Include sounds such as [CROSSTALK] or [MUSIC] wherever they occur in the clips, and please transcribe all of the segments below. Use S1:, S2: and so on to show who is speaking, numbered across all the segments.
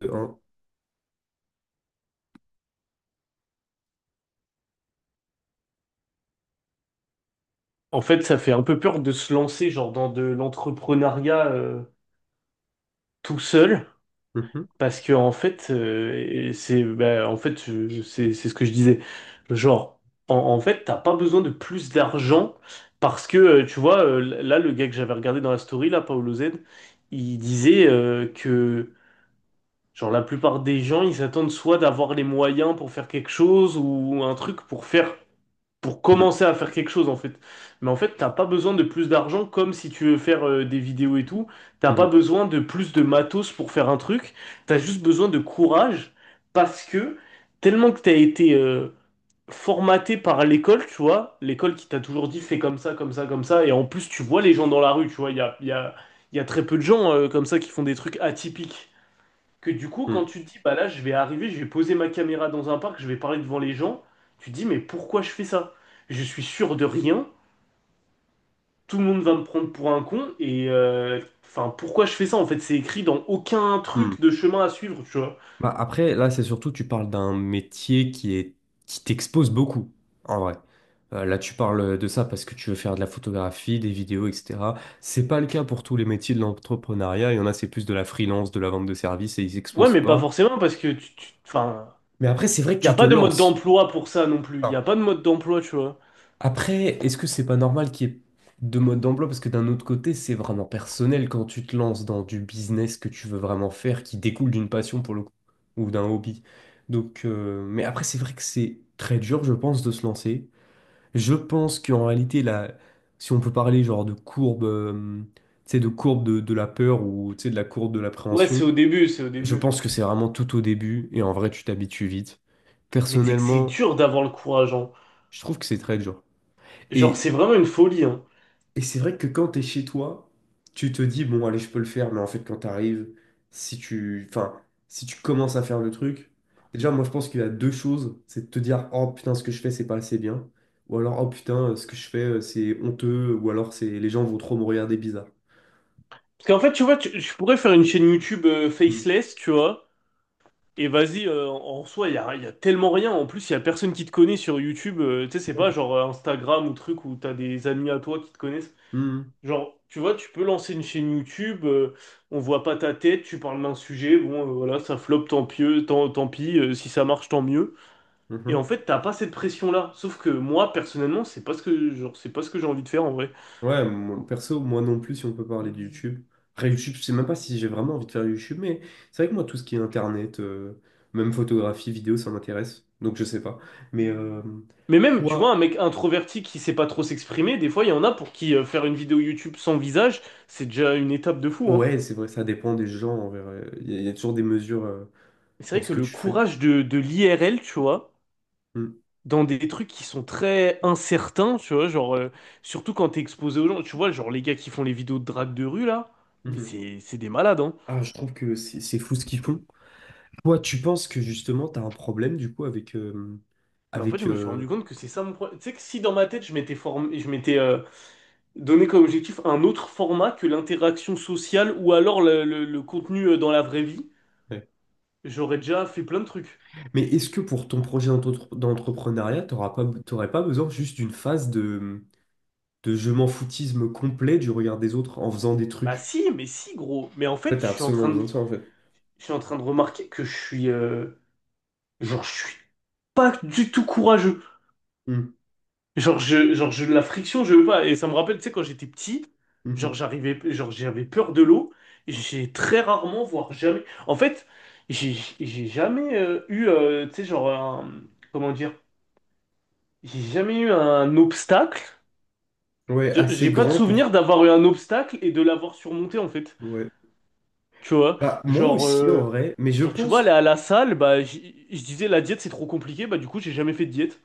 S1: Deux, un.
S2: En fait, ça fait un peu peur de se lancer genre dans de l'entrepreneuriat tout seul,
S1: Mhm,
S2: parce que en fait, et c'est bah, en fait c'est ce que je disais. Genre, en fait, t'as pas besoin de plus d'argent parce que tu vois là le gars que j'avais regardé dans la story là, Paolo Z, il disait que genre la plupart des gens ils s'attendent soit d'avoir les moyens pour faire quelque chose ou un truc pour faire pour
S1: mhm,
S2: commencer à faire quelque chose en fait. Mais en fait, t'as pas besoin de plus d'argent comme si tu veux faire des vidéos et tout. T'as pas
S1: mhm,
S2: besoin de plus de matos pour faire un truc. T'as juste besoin de courage parce que tellement que t'as été formaté par l'école, tu vois, l'école qui t'a toujours dit fais comme ça, comme ça, comme ça. Et en plus, tu vois les gens dans la rue, tu vois, il y a très peu de gens comme ça qui font des trucs atypiques que du coup, quand
S1: mhm,
S2: tu te dis, bah là, je vais arriver, je vais poser ma caméra dans un parc, je vais parler devant les gens, tu te dis, mais pourquoi je fais ça? Je suis sûr de rien, tout le monde va me prendre pour un con, et enfin, pourquoi je fais ça? En fait, c'est écrit dans aucun
S1: mhm.
S2: truc de chemin à suivre, tu vois.
S1: Bah, après, là, c'est surtout, tu parles d'un métier qui est, qui t'expose beaucoup, en vrai. Là, tu parles de ça parce que tu veux faire de la photographie, des vidéos, etc. C'est pas le cas pour tous les métiers de l'entrepreneuriat. Il y en a, c'est plus de la freelance, de la vente de services et ils
S2: Ouais,
S1: s'exposent
S2: mais pas
S1: pas.
S2: forcément, parce que, enfin,
S1: Mais après, c'est vrai que
S2: il n'y a
S1: tu te
S2: pas de mode
S1: lances.
S2: d'emploi pour ça non plus, il n'y a pas de mode d'emploi, tu vois.
S1: Après, est-ce que c'est pas normal qu'il y ait deux modes d'emploi? Parce que d'un autre côté, c'est vraiment personnel quand tu te lances dans du business que tu veux vraiment faire, qui découle d'une passion pour le coup, ou d'un hobby. Donc, mais après, c'est vrai que c'est très dur, je pense, de se lancer. Je pense qu'en réalité, là, si on peut parler genre de courbe, tu sais, de courbe de la peur ou tu sais, de la courbe de
S2: Ouais,
S1: l'appréhension,
S2: c'est au début, c'est au
S1: je
S2: début.
S1: pense que c'est vraiment tout au début et en vrai, tu t'habitues vite.
S2: Mais tu sais que c'est
S1: Personnellement,
S2: dur d'avoir le courage, hein.
S1: je trouve que c'est très dur.
S2: Genre,
S1: Et
S2: c'est vraiment une folie, hein.
S1: Et c'est vrai que quand t'es chez toi, tu te dis, bon, allez, je peux le faire, mais en fait, quand t'arrives, si tu, enfin, si tu commences à faire le truc, déjà, moi, je pense qu'il y a deux choses, c'est de te dire, oh putain, ce que je fais, c'est pas assez bien, ou alors, oh putain, ce que je fais, c'est honteux, ou alors, c'est les gens vont trop me regarder bizarre.
S2: Parce qu'en fait, tu vois, je pourrais faire une chaîne YouTube
S1: Hmm.
S2: faceless, tu vois. Et vas-y, en soi, y a tellement rien. En plus, il y a personne qui te connaît sur YouTube. Tu sais, c'est pas genre Instagram ou truc où t'as des amis à toi qui te connaissent.
S1: Hmm.
S2: Genre, tu vois, tu peux lancer une chaîne YouTube, on voit pas ta tête, tu parles d'un sujet, bon, voilà, ça floppe, tant pis, tant pis, si ça marche, tant mieux. Et en
S1: Mhm.
S2: fait, t'as pas cette pression-là. Sauf que moi, personnellement, c'est pas ce que, genre, c'est pas ce que j'ai envie de faire en vrai.
S1: Ouais, perso, moi non plus, si on peut parler de YouTube. Après, YouTube, je sais même pas si j'ai vraiment envie de faire YouTube, mais c'est vrai que moi, tout ce qui est internet, même photographie, vidéo, ça m'intéresse. Donc, je sais pas. Mais
S2: Mais même, tu
S1: toi,
S2: vois, un mec introverti qui sait pas trop s'exprimer, des fois, il y en a pour qui faire une vidéo YouTube sans visage, c'est déjà une étape de fou, hein.
S1: ouais, c'est vrai, ça dépend des gens. En vrai. Il y a toujours des mesures
S2: C'est
S1: dans
S2: vrai
S1: ce
S2: que
S1: que
S2: le
S1: tu fais.
S2: courage de l'IRL, tu vois,
S1: Mm.
S2: dans des trucs qui sont très incertains, tu vois, genre, surtout quand t'es exposé aux gens, tu vois, genre les gars qui font les vidéos de drague de rue, là, mais
S1: Mhm.
S2: c'est des malades, hein.
S1: Ah, je trouve que c'est fou ce qu'ils font. Toi, tu penses que justement, tu as un problème du coup avec,
S2: Mais en fait, je
S1: avec,
S2: me suis rendu compte que c'est ça mon problème. Tu sais que si dans ma tête, je m'étais formé, je m'étais donné comme objectif un autre format que l'interaction sociale ou alors le contenu dans la vraie vie,
S1: ouais.
S2: j'aurais déjà fait plein de trucs.
S1: Mais est-ce que pour ton projet d'entrepreneuriat, tu n'aurais pas, t'aurais pas besoin juste d'une phase de je m'en foutisme complet du regard des autres en faisant des
S2: Bah
S1: trucs.
S2: si, mais si, gros. Mais en
S1: Ouais,
S2: fait,
S1: t'as absolument besoin de ça en fait.
S2: je suis en train de remarquer que je suis... Genre, je suis pas du tout courageux.
S1: Mm,
S2: La friction, je veux pas. Et ça me rappelle, tu sais, quand j'étais petit, genre,
S1: mhm.
S2: j'arrivais, genre, j'avais peur de l'eau. Et j'ai très rarement, voire jamais. En fait, j'ai j'ai jamais tu sais, genre, comment dire, j'ai jamais eu un obstacle.
S1: Ouais, assez
S2: J'ai pas de
S1: grand pour.
S2: souvenir d'avoir eu un obstacle et de l'avoir surmonté, en fait.
S1: Ouais.
S2: Tu vois,
S1: Bah, moi
S2: genre,
S1: aussi en
S2: euh,
S1: vrai, mais je
S2: genre, tu vois,
S1: pense.
S2: aller à la salle, bah, je disais, la diète, c'est trop compliqué, bah, du coup, j'ai jamais fait de diète.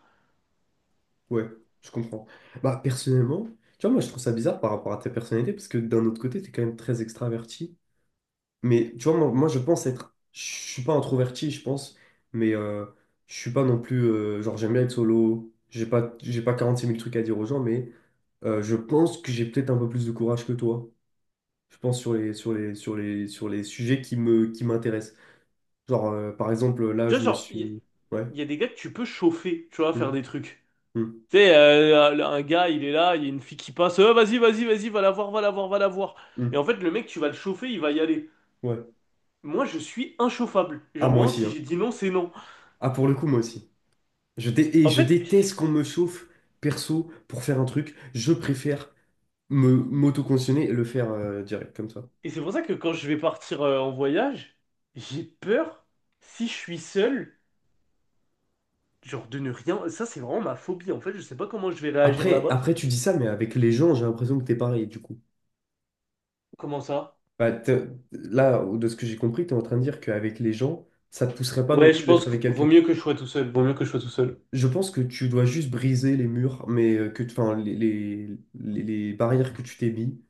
S1: Ouais, je comprends. Bah, personnellement, tu vois, moi je trouve ça bizarre par rapport à ta personnalité parce que d'un autre côté, t'es quand même très extraverti. Mais tu vois, moi, je pense être. Je suis pas introverti, je pense, mais je suis pas non plus. Genre, j'aime bien être solo. J'ai pas 46 000 trucs à dire aux gens, mais je pense que j'ai peut-être un peu plus de courage que toi. Je pense, sur les sujets qui m'intéressent. Genre, par exemple, là,
S2: Tu
S1: je
S2: vois,
S1: me
S2: genre, il
S1: suis... Ouais.
S2: il y, a des gars que tu peux chauffer, tu vois, faire
S1: Hum,
S2: des trucs.
S1: hum,
S2: Tu sais, un gars, il est là, il y a une fille qui passe, ah, vas-y, vas-y, vas-y, va la voir, va la voir, va la voir. Et
S1: hum,
S2: en fait, le mec, tu vas le chauffer, il va y aller.
S1: ouais.
S2: Moi, je suis inchauffable.
S1: Ah,
S2: Genre,
S1: moi
S2: vraiment,
S1: aussi,
S2: si
S1: hein.
S2: j'ai dit non, c'est non.
S1: Ah, pour le coup, moi aussi. Et
S2: En
S1: je
S2: fait,
S1: déteste qu'on me chauffe, perso, pour faire un truc. Je préfère me m'auto-conditionner et le faire direct, comme ça.
S2: et c'est pour ça que quand je vais partir en voyage, j'ai peur, si je suis seul, genre, de ne rien. Ça, c'est vraiment ma phobie. En fait, je sais pas comment je vais réagir
S1: Après,
S2: là-bas.
S1: après, tu dis ça, mais avec les gens, j'ai l'impression que t'es pareil, du coup.
S2: Comment ça?
S1: Bah, là, de ce que j'ai compris, t'es en train de dire qu'avec les gens, ça te pousserait pas non
S2: Ouais, je
S1: plus
S2: pense
S1: d'être
S2: que
S1: avec
S2: vaut
S1: quelqu'un.
S2: mieux que je sois tout seul. Vaut mieux que je sois tout seul.
S1: Je pense que tu dois juste briser les murs, mais enfin, les barrières que tu t'es mis.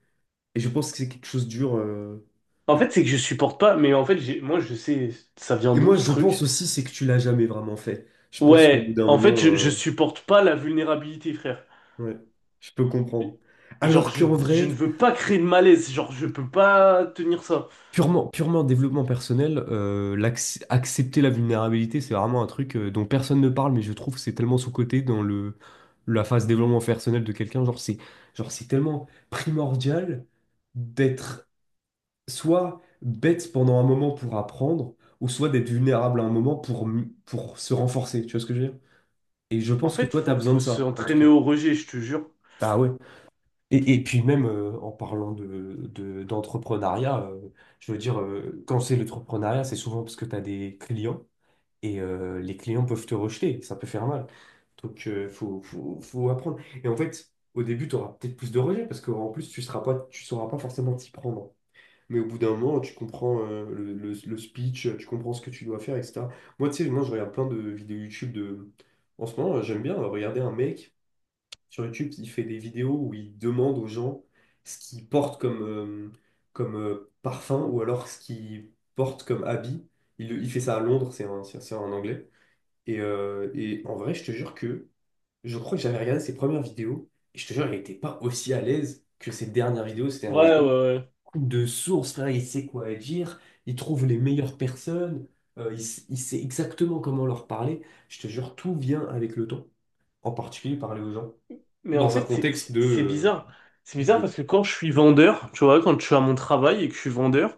S1: Et je pense que c'est quelque chose de dur.
S2: En fait, c'est que je supporte pas, mais en fait, moi, je sais, ça vient
S1: Et
S2: d'où
S1: moi,
S2: ce
S1: je pense
S2: truc?
S1: aussi, c'est que tu l'as jamais vraiment fait. Je pense qu'au bout
S2: Ouais,
S1: d'un
S2: en fait,
S1: moment,
S2: je supporte pas la vulnérabilité, frère.
S1: ouais, je peux comprendre.
S2: Genre,
S1: Alors qu'en
S2: je
S1: vrai,
S2: ne veux pas créer de malaise, genre, je peux pas tenir ça.
S1: purement, purement développement personnel, accepter la vulnérabilité, c'est vraiment un truc dont personne ne parle, mais je trouve que c'est tellement sous-coté dans la phase développement personnel de quelqu'un. Genre, c'est tellement primordial d'être soit bête pendant un moment pour apprendre, ou soit d'être vulnérable à un moment pour se renforcer. Tu vois ce que je veux dire? Et je
S2: En
S1: pense que
S2: fait,
S1: toi, tu as besoin de
S2: faut
S1: ça, en tout
S2: s'entraîner
S1: cas.
S2: au rejet, je te jure.
S1: Ah ouais. Et puis même en parlant d'entrepreneuriat, je veux dire, quand c'est l'entrepreneuriat, c'est souvent parce que tu as des clients et les clients peuvent te rejeter, ça peut faire mal. Donc, faut apprendre. Et en fait, au début, tu auras peut-être plus de rejets parce qu'en plus, tu sauras pas forcément t'y prendre. Mais au bout d'un moment, tu comprends le speech, tu comprends ce que tu dois faire, etc. Moi, tu sais, moi, je regarde plein de vidéos YouTube de... En ce moment, j'aime bien regarder un mec sur YouTube qui fait des vidéos où il demande aux gens ce qu'ils portent comme parfum ou alors ce qu'ils portent comme habit. Il fait ça à Londres, c'est un Anglais. Et en vrai, je te jure que je crois que j'avais regardé ses premières vidéos et je te jure, il n'était pas aussi à l'aise que ses dernières vidéos. Ses dernières
S2: Ouais, ouais,
S1: vidéos,
S2: ouais.
S1: de source, frère, il sait quoi dire, il trouve les meilleures personnes, il sait exactement comment leur parler. Je te jure, tout vient avec le temps, en particulier parler aux gens,
S2: Mais en
S1: dans un
S2: fait,
S1: contexte de
S2: c'est bizarre. C'est bizarre
S1: vidéo.
S2: parce que quand je suis vendeur, tu vois, quand je suis à mon travail et que je suis vendeur,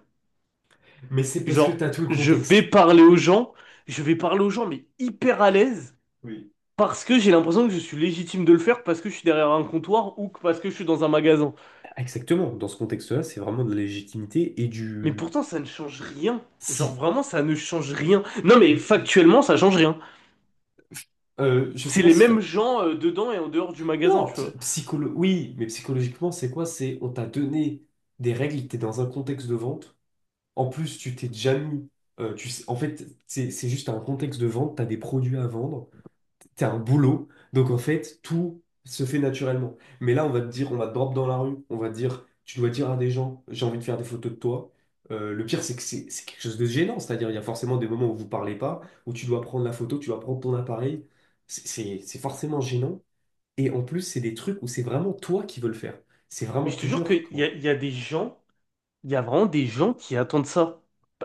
S1: Mais c'est parce que tu
S2: genre,
S1: as tout le
S2: je vais
S1: contexte.
S2: parler aux gens, je vais parler aux gens, mais hyper à l'aise.
S1: Oui.
S2: Parce que j'ai l'impression que je suis légitime de le faire parce que je suis derrière un comptoir ou que parce que je suis dans un magasin.
S1: Exactement, dans ce contexte-là, c'est vraiment de la légitimité et
S2: Mais
S1: du
S2: pourtant, ça ne change rien. Genre
S1: si.
S2: vraiment, ça ne change rien. Non mais
S1: Si.
S2: factuellement, ça change rien.
S1: Je sais
S2: C'est
S1: pas
S2: les
S1: si...
S2: mêmes gens dedans et en dehors du magasin,
S1: Non,
S2: tu vois.
S1: oui, mais psychologiquement, c'est quoi? C'est on t'a donné des règles, t'es dans un contexte de vente. En plus, tu t'es déjà mis. En fait, c'est juste un contexte de vente, tu as des produits à vendre, tu as un boulot. Donc, en fait, tout se fait naturellement. Mais là, on va te dire, on va te drop dans la rue, on va te dire, tu dois dire à des gens, j'ai envie de faire des photos de toi. Le pire, c'est que c'est quelque chose de gênant. C'est-à-dire, il y a forcément des moments où vous parlez pas, où tu dois prendre la photo, tu dois prendre ton appareil. C'est forcément gênant. Et en plus, c'est des trucs où c'est vraiment toi qui veux le faire. C'est
S2: Mais
S1: vraiment
S2: je te
S1: plus
S2: jure
S1: dur
S2: qu'
S1: quand.
S2: il y a des gens, il y a vraiment des gens qui attendent ça.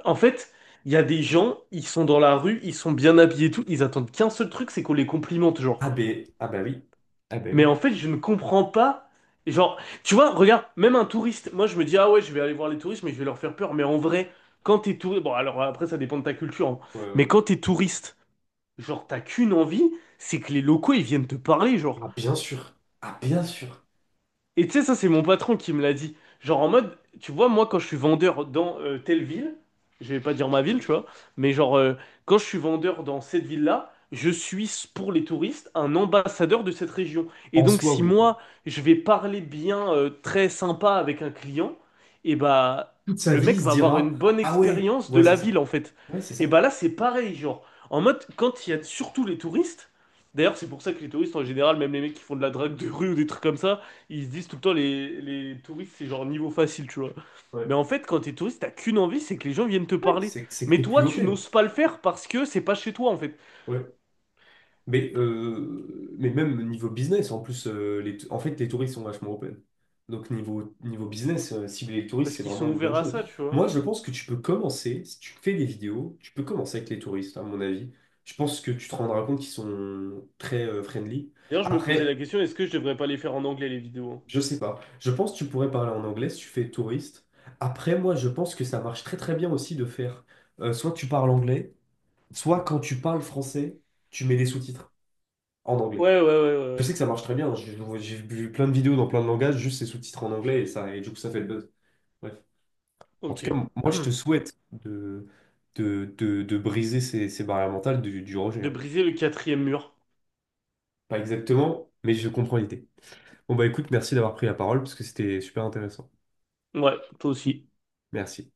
S2: En fait, il y a des gens, ils sont dans la rue, ils sont bien habillés et tout, ils attendent qu'un seul truc, c'est qu'on les complimente, genre.
S1: Ah ben oui. Ah ben
S2: Mais
S1: oui.
S2: en fait, je ne comprends pas. Genre, tu vois, regarde, même un touriste, moi je me dis, ah ouais, je vais aller voir les touristes, mais je vais leur faire peur. Mais en vrai, quand t'es touriste, bon, alors après, ça dépend de ta culture, hein.
S1: Ouais, ouais.
S2: Mais quand t'es touriste, genre, t'as qu'une envie, c'est que les locaux, ils viennent te parler, genre.
S1: Ah, bien sûr. Ah, bien sûr.
S2: Et tu sais, ça, c'est mon patron qui me l'a dit. Genre en mode, tu vois, moi, quand je suis vendeur dans telle ville, je vais pas dire ma ville,
S1: Mm.
S2: tu vois, mais genre, quand je suis vendeur dans cette ville-là, je suis, pour les touristes, un ambassadeur de cette région. Et
S1: En
S2: donc,
S1: soi,
S2: si
S1: oui. Ouais.
S2: moi, je vais parler bien, très sympa avec un client, et bah,
S1: Toute sa
S2: le
S1: vie, il
S2: mec
S1: se
S2: va avoir une
S1: dira,
S2: bonne
S1: ah ouais,
S2: expérience de
S1: ouais, c'est
S2: la
S1: ça.
S2: ville, en fait.
S1: Ouais, c'est
S2: Et
S1: ça.
S2: bah là, c'est pareil, genre, en mode, quand il y a surtout les touristes, d'ailleurs, c'est pour ça que les touristes en général, même les mecs qui font de la drague de rue ou des trucs comme ça, ils se disent tout le temps, les touristes, c'est genre niveau facile, tu vois. Mais
S1: Ouais,
S2: en fait, quand t'es touriste, t'as qu'une envie, c'est que les gens viennent te
S1: ouais,
S2: parler.
S1: c'est que
S2: Mais
S1: t'es plus
S2: toi, tu
S1: open.
S2: n'oses pas le faire parce que c'est pas chez toi, en fait.
S1: Ouais, mais même niveau business, en plus, en fait, les touristes sont vachement open. Donc, niveau business, cibler les touristes,
S2: Parce
S1: c'est
S2: qu'ils
S1: vraiment
S2: sont
S1: une bonne
S2: ouverts à
S1: chose.
S2: ça, tu vois.
S1: Moi, je pense que tu peux commencer, si tu fais des vidéos, tu peux commencer avec les touristes, à mon avis. Je pense que tu te rendras compte qu'ils sont très friendly.
S2: D'ailleurs, je me posais
S1: Après,
S2: la question, est-ce que je devrais pas les faire en anglais, les vidéos? Hein.
S1: je sais pas. Je pense que tu pourrais parler en anglais si tu fais touriste. Après, moi, je pense que ça marche très très bien aussi de faire soit tu parles anglais, soit quand tu parles français, tu mets des sous-titres en anglais.
S2: Ouais, ouais, ouais, ouais,
S1: Je
S2: ouais.
S1: sais que ça marche très bien. J'ai vu plein de vidéos dans plein de langages, juste ces sous-titres en anglais et ça, et du coup, ça fait le buzz. Bref. En tout cas,
S2: Ok.
S1: moi, je te
S2: [CLEARS THROAT]
S1: souhaite de briser ces barrières mentales du rejet.
S2: De
S1: Hein.
S2: briser le quatrième mur.
S1: Pas exactement, mais je comprends l'idée. Bon, bah écoute, merci d'avoir pris la parole parce que c'était super intéressant.
S2: Ouais, toi aussi.
S1: Merci.